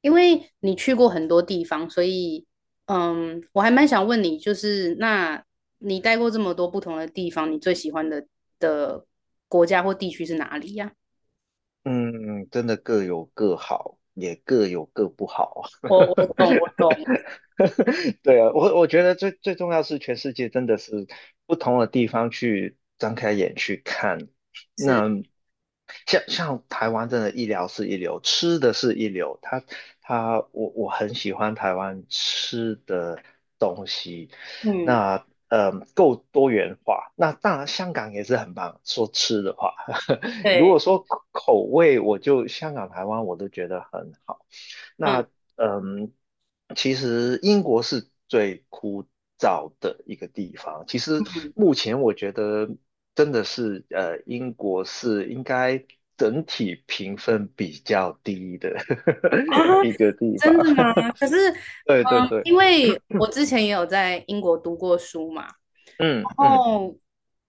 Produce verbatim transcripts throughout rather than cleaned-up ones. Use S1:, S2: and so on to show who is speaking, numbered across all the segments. S1: 因为你去过很多地方，所以，嗯，我还蛮想问你，就是那你待过这么多不同的地方，你最喜欢的的国家或地区是哪里呀？
S2: 嗯，真的各有各好，也各有各不好。
S1: 我我懂，我 懂，
S2: 对啊，我我觉得最最重要是全世界真的是不同的地方去张开眼去看。
S1: 是，
S2: 那像像台湾真的医疗是一流，吃的是一流，他他我我很喜欢台湾吃的。
S1: 嗯，
S2: 那呃够多元化。那当然香港也是很棒，说吃的话，如
S1: 对，
S2: 果说口味，我就香港、台湾我都觉得很好。那
S1: 嗯
S2: 嗯，其实英国是最枯燥的一个地方。其实
S1: 嗯
S2: 目前我觉得真的是，呃，英国是应该整体评分比较低的
S1: 啊，
S2: 一个地方。
S1: 真的吗？可是，
S2: 对对
S1: 嗯，
S2: 对，
S1: 因为我之前也有在英国读过书嘛，
S2: 嗯嗯，
S1: 哦，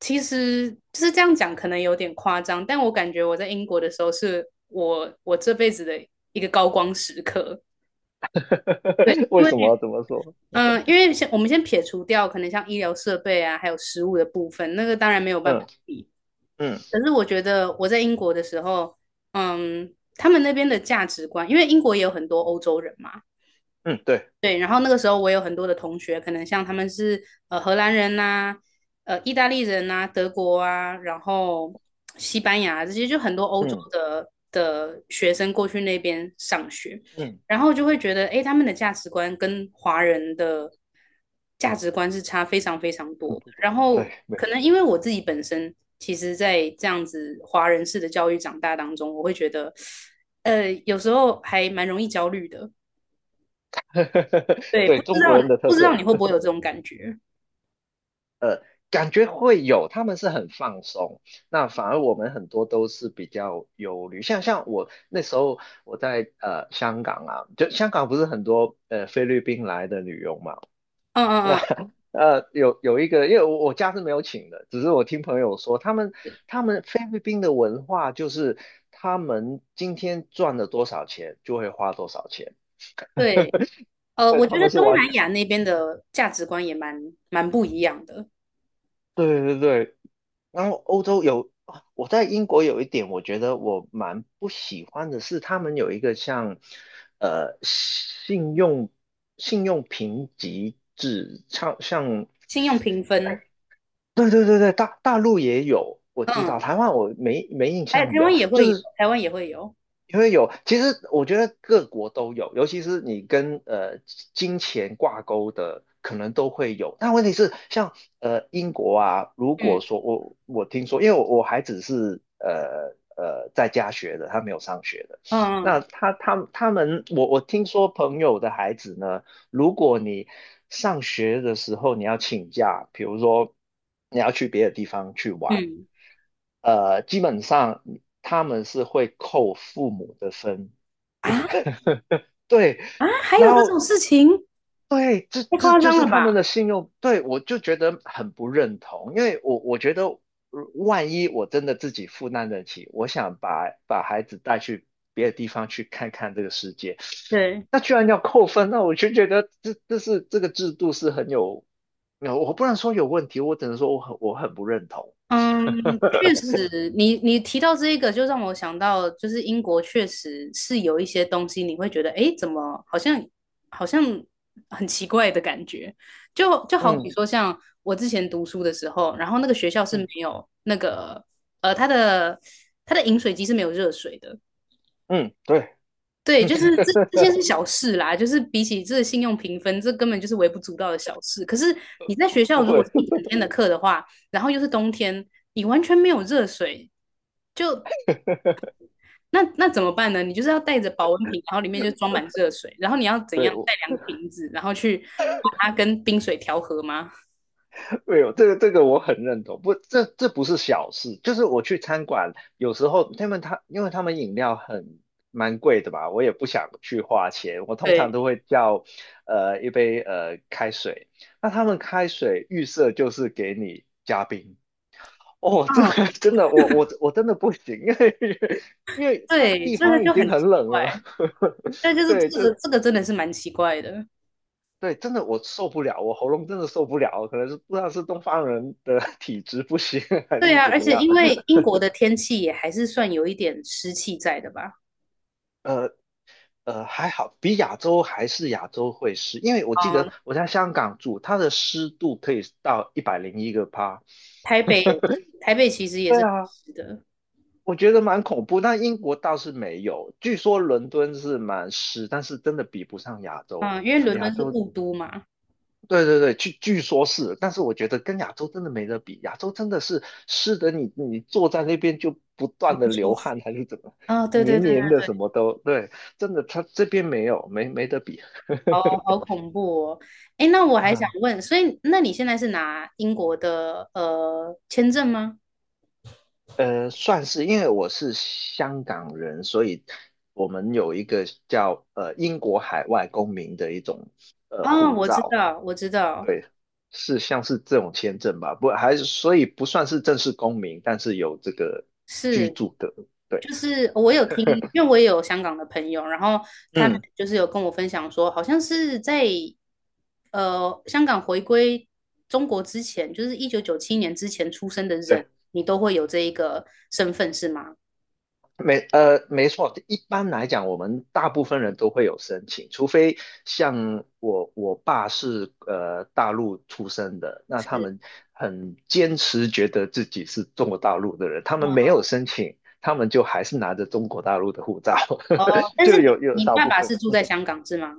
S1: 其实就是这样讲，可能有点夸张，但我感觉我在英国的时候是我我这辈子的一个高光时刻。对，因
S2: 为
S1: 为
S2: 什么这么说？
S1: 嗯、呃因为先我们先撇除掉可能像医疗设备啊，还有食物的部分，那个当然没有办法
S2: 嗯
S1: 比。
S2: 嗯
S1: 可是我觉得我在英国的时候，嗯，他们那边的价值观，因为英国也有很多欧洲人嘛，
S2: 嗯，对，
S1: 对，然后那个时候我有很多的同学，可能像他们是呃荷兰人呐、呃意大利人呐、德国啊，然后西班牙啊这些，就很多欧洲
S2: 嗯
S1: 的的学生过去那边上学，
S2: 嗯，
S1: 然后就会觉得，诶，他们的价值观跟华人的价值观是差非常非常
S2: 很
S1: 多的。
S2: 不懂，
S1: 然
S2: 对，
S1: 后可
S2: 没，
S1: 能因为我自己本身，其实在这样子华人式的教育长大当中，我会觉得，呃，有时候还蛮容易焦虑的。对，
S2: 对，
S1: 不知
S2: 中国
S1: 道
S2: 人的特
S1: 不知
S2: 色
S1: 道你会不会有这种感觉？
S2: 感觉会有，他们是很放松，那反而我们很多都是比较忧虑，像像我那时候我在呃香港啊，就香港不是很多呃菲律宾来的女佣嘛，
S1: 嗯
S2: 那
S1: 嗯嗯，
S2: 呃有有一个，因为我我家是没有请的，只是我听朋友说，他们他们菲律宾的文化就是他们今天赚了多少钱就会花多少钱。
S1: 对，呃，
S2: 对，
S1: 我
S2: 他
S1: 觉得
S2: 们是
S1: 东
S2: 完
S1: 南
S2: 全
S1: 亚那边的价值观也蛮蛮不一样的，
S2: 对对对。然后欧洲有，啊我在英国有一点，我觉得我蛮不喜欢的是，他们有一个像呃信用信用评级制，像像
S1: 信用评分，
S2: 对对对对，大大陆也有，我知道，
S1: 嗯，
S2: 台湾我没没印
S1: 还有
S2: 象
S1: 台
S2: 有，
S1: 湾也
S2: 就
S1: 会有，
S2: 是
S1: 台湾也会有，
S2: 因为有，其实我觉得各国都有，尤其是你跟呃金钱挂钩的，可能都会有。但问题是，像呃英国啊，如果
S1: 嗯
S2: 说我我听说，因为我我还只是呃呃在家学的，他没有上学的。
S1: 嗯
S2: 那他他他们，我我听说朋友的孩子呢。如果你上学的时候你要请假，比如说你要去别的地方去
S1: 嗯
S2: 玩，
S1: 嗯，
S2: 呃，基本上他们是会扣父母的分。
S1: 啊
S2: 对，
S1: 啊，还
S2: 然
S1: 有这种
S2: 后
S1: 事情，
S2: 对，这
S1: 太
S2: 这
S1: 夸
S2: 就
S1: 张
S2: 是
S1: 了
S2: 他
S1: 吧？
S2: 们的信用，对，我就觉得很不认同，因为我我觉得，呃万一我真的自己负担得起，我想把把孩子带去别的地方去看看这个世界，
S1: 对，
S2: 那居然要扣分，那我就觉得这这是这个制度是很有，有我不能说有问题，我只能说我很我很不认同。
S1: 嗯，确实，你你提到这一个，就让我想到，就是英国确实是有一些东西，你会觉得，诶，怎么好像好像很奇怪的感觉，就就好比
S2: 嗯
S1: 说，像我之前读书的时候，然后那个学校是没
S2: 嗯
S1: 有那个，呃，它的它的饮水机是没有热水的，
S2: 嗯，对，
S1: 对，就是这这些是 小事啦，就是比起这信用评分，这根本就是微不足道的小事。可是你在学校
S2: 不
S1: 如果
S2: 会。
S1: 是一整天的课的话，然后又是冬天，你完全没有热水，那那怎么办呢？你就是要带着保温瓶，然后里面就装满热水，然后你要怎样带两个瓶子，然后去把它跟冰水调和吗？
S2: 对哦，这个这个我很认同，不，这这不是小事，就是我去餐馆，有时候他们他因为他们饮料很蛮贵的吧，我也不想去花钱，我通常
S1: 对，
S2: 都会叫呃一杯呃开水，那他们开水预设就是给你加冰，哦，这
S1: 嗯，
S2: 个真的我我我真的不行，因为 因为他
S1: 对，
S2: 地
S1: 这个
S2: 方已
S1: 就很
S2: 经很
S1: 奇
S2: 冷
S1: 怪，
S2: 了，
S1: 但就 是
S2: 对，
S1: 这
S2: 这
S1: 个这个真的是蛮奇怪的。
S2: 对，真的我受不了，我喉咙真的受不了，可能是不知道是东方人的 体质不行还
S1: 对
S2: 是
S1: 啊，
S2: 怎
S1: 而
S2: 么
S1: 且
S2: 样。
S1: 因为英国的天气也还是算有一点湿气在的吧。
S2: 呃呃，还好，比亚洲还是亚洲会湿，因为我记得
S1: 嗯，
S2: 我在香港住，它的湿度可以到一百零一个帕。
S1: 台北也，台北其实也
S2: 对
S1: 是很
S2: 啊，
S1: 湿的，
S2: 我觉得蛮恐怖。那英国倒是没有，据说伦敦是蛮湿，但是真的比不上亚洲，
S1: 嗯，因为伦
S2: 亚
S1: 敦是
S2: 洲
S1: 雾都嘛，
S2: 对对对，据据说是，但是我觉得跟亚洲真的没得比，亚洲真的是湿的你，你坐在那边就不
S1: 很
S2: 断的
S1: 不舒
S2: 流
S1: 服。
S2: 汗还是怎么，
S1: 哦，对对
S2: 黏
S1: 对对
S2: 黏的什么都，对，真的他这边没有，没没得比。
S1: 好 好恐怖哦。哎，那我还想
S2: 啊，
S1: 问，所以那你现在是拿英国的呃签证吗？
S2: 呃，算是，因为我是香港人，所以我们有一个叫呃英国海外公民的一种呃
S1: 哦，
S2: 护
S1: 我知
S2: 照，
S1: 道，我知道。
S2: 对，是像是这种签证吧，不还是所以不算是正式公民，但是有这个居
S1: 是，
S2: 住的，对，
S1: 就是我有听，因为我也有香港的朋友，然后他们
S2: 嗯，
S1: 就是有跟我分享说，好像是在呃香港回归中国之前，就是一九九七年之前出生的人，
S2: 对，
S1: 你都会有这一个身份是吗？
S2: 没呃没错，一般来讲，我们大部分人都会有申请，除非像我我爸是呃大陆出生的，那他
S1: 是
S2: 们很坚持觉得自己是中国大陆的人，他们没有申请，他们就还是拿着中国大陆的护照，
S1: 哦，但是
S2: 就
S1: 你
S2: 有有
S1: 你
S2: 少
S1: 爸
S2: 部
S1: 爸
S2: 分，
S1: 是住在香港是吗？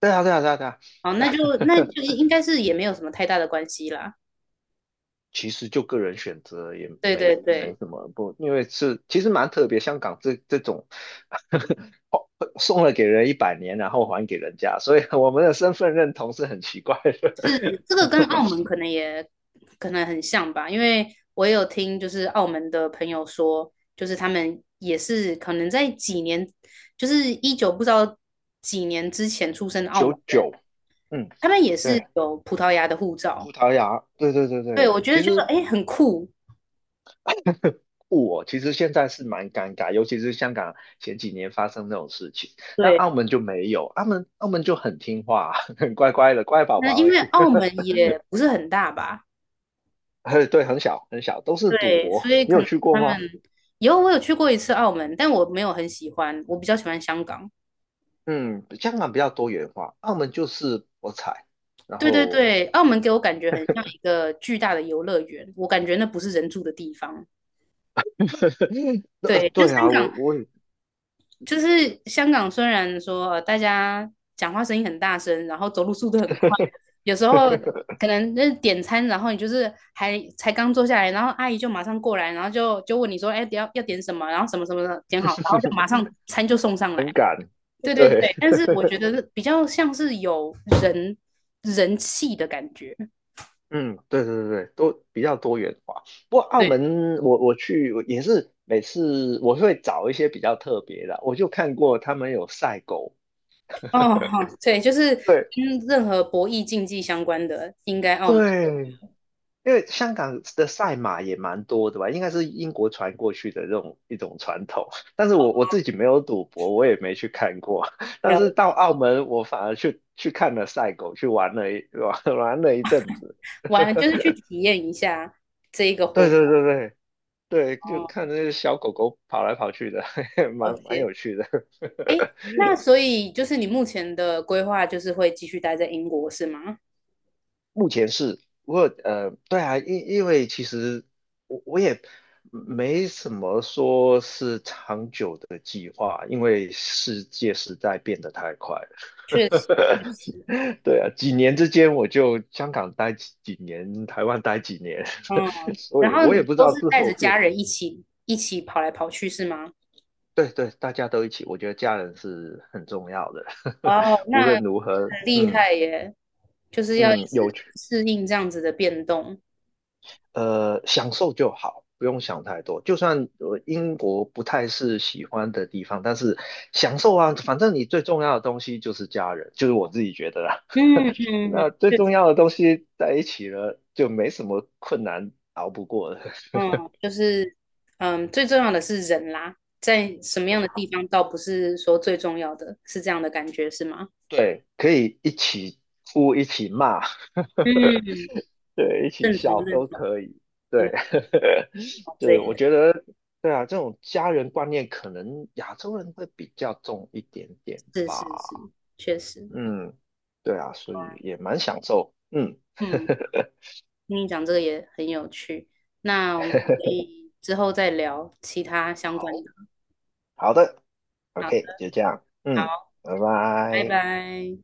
S2: 对啊对啊对啊对啊。
S1: 哦，那就那就应该是也没有什么太大的关系啦。
S2: 其实就个人选择也
S1: 对
S2: 没
S1: 对
S2: 没
S1: 对。
S2: 什么不，因为是其实蛮特别，香港这这种 哦送了给人一百年，然后还给人家，所以我们的身份认同是很奇怪
S1: 是
S2: 的。
S1: 这个跟澳门可能也可能很像吧，因为我也有听就是澳门的朋友说，就是他们也是可能在几年，就是一九不知道几年之前出生的 澳门
S2: 九
S1: 人，
S2: 九，嗯，
S1: 他们也是
S2: 对，
S1: 有葡萄牙的护照。
S2: 葡萄牙，对对对
S1: 对，
S2: 对，
S1: 我觉得
S2: 其
S1: 就得
S2: 实
S1: 哎很酷。
S2: 我其实现在是蛮尴尬，尤其是香港前几年发生这种事情，那
S1: 对，
S2: 澳门就没有，澳门澳门就很听话，很乖乖的乖宝
S1: 那
S2: 宝
S1: 因为澳门也不是很大吧，
S2: 哎，对，很小很小，都是赌
S1: 对，所
S2: 博，
S1: 以
S2: 你
S1: 可
S2: 有
S1: 能
S2: 去过
S1: 他们
S2: 吗？
S1: 以后我有去过一次澳门，但我没有很喜欢，我比较喜欢香港。
S2: 嗯，香港比较多元化，澳门就是博彩，然
S1: 对对
S2: 后，
S1: 对，澳门给我感觉很像一个巨大的游乐园，我感觉那不是人住的地方。
S2: 呃，
S1: 对，就香
S2: 对啊，
S1: 港，
S2: 我我也
S1: 就是香港，虽然说呃大家讲话声音很大声，然后走路速度很快，有时候 可能那点餐，然后你就是还才刚坐下来，然后阿姨就马上过来，然后就就问你说，哎，要要点什么，然后什么什么的点好，然后就马上餐就送上来。对对
S2: 对，
S1: 对，但是我觉得比较像是有人人气的感觉。
S2: 嗯，对对对对，都比较多元化。不过澳
S1: 对
S2: 门我，我去我也是每次我会找一些比较特别的，我就看过他们有赛狗，
S1: 哦，好，对，就是
S2: 对
S1: 跟任何博弈竞技相关的，应该澳门
S2: 对因为香港的赛马也蛮多的吧，应该是英国传过去的这种一种传统。但是我我自己没有赌博，我也没去看过。但
S1: 要
S2: 是到澳门，我反而去去看了赛狗，去玩了一 玩玩了一阵子。
S1: 玩，就是去体验一下这一个活
S2: 对
S1: 动。
S2: 对对对对，就
S1: 哦
S2: 看那些小狗狗跑来跑去的，
S1: 了
S2: 蛮蛮
S1: 解，
S2: 有趣的。
S1: 哎，那所以就是你目前的规划就是会继续待在英国是吗？
S2: 目前是，我呃，对啊，因因为其实我我也没什么说是长久的计划，因为世界实在变得太快了。
S1: 确实，确实，
S2: 对啊，几年之间我就香港待几几年，台湾待几年，
S1: 嗯，
S2: 所
S1: 然
S2: 以
S1: 后你
S2: 我也不知
S1: 都
S2: 道
S1: 是
S2: 之
S1: 带着
S2: 后
S1: 家
S2: 变。
S1: 人一起一起跑来跑去是吗？
S2: 对对，大家都一起，我觉得家人是很重要的，
S1: 哇 哦，
S2: 无
S1: 那
S2: 论
S1: 很
S2: 如何，
S1: 厉
S2: 嗯
S1: 害耶，就是要一
S2: 嗯，有
S1: 直
S2: 趣。
S1: 适应这样子的变动。
S2: 呃，享受就好，不用想太多。就算呃英国不太是喜欢的地方，但是享受啊，反正你最重要的东西就是家人，就是我自己觉得啦。
S1: 嗯 嗯
S2: 那
S1: 嗯，
S2: 最
S1: 确
S2: 重
S1: 实。
S2: 要的东西在一起了，就没什么困难熬不过的。
S1: 嗯，就是嗯，最重要的是人啦，在什么
S2: 对
S1: 样的
S2: 啊，
S1: 地方倒不是说最重要的，是这样的感觉是吗？
S2: 对，可以一起哭，一起骂，
S1: 嗯，
S2: 对，一起
S1: 认同
S2: 笑
S1: 认
S2: 都
S1: 同，
S2: 可以。
S1: 很
S2: 对，
S1: 好 这
S2: 对，
S1: 个
S2: 我觉得，对啊，这种家人观念可能亚洲人会比较重一点点
S1: 是是
S2: 吧。
S1: 是，确实，
S2: 嗯，对啊，所以也蛮享受。嗯，
S1: 嗯，听你讲这个也很有趣，那我们可以之后再聊其他相关
S2: 好。
S1: 的。
S2: 好的
S1: 好
S2: ，OK，
S1: 的，
S2: 就这样。嗯，
S1: 好，
S2: 拜
S1: 拜
S2: 拜。
S1: 拜。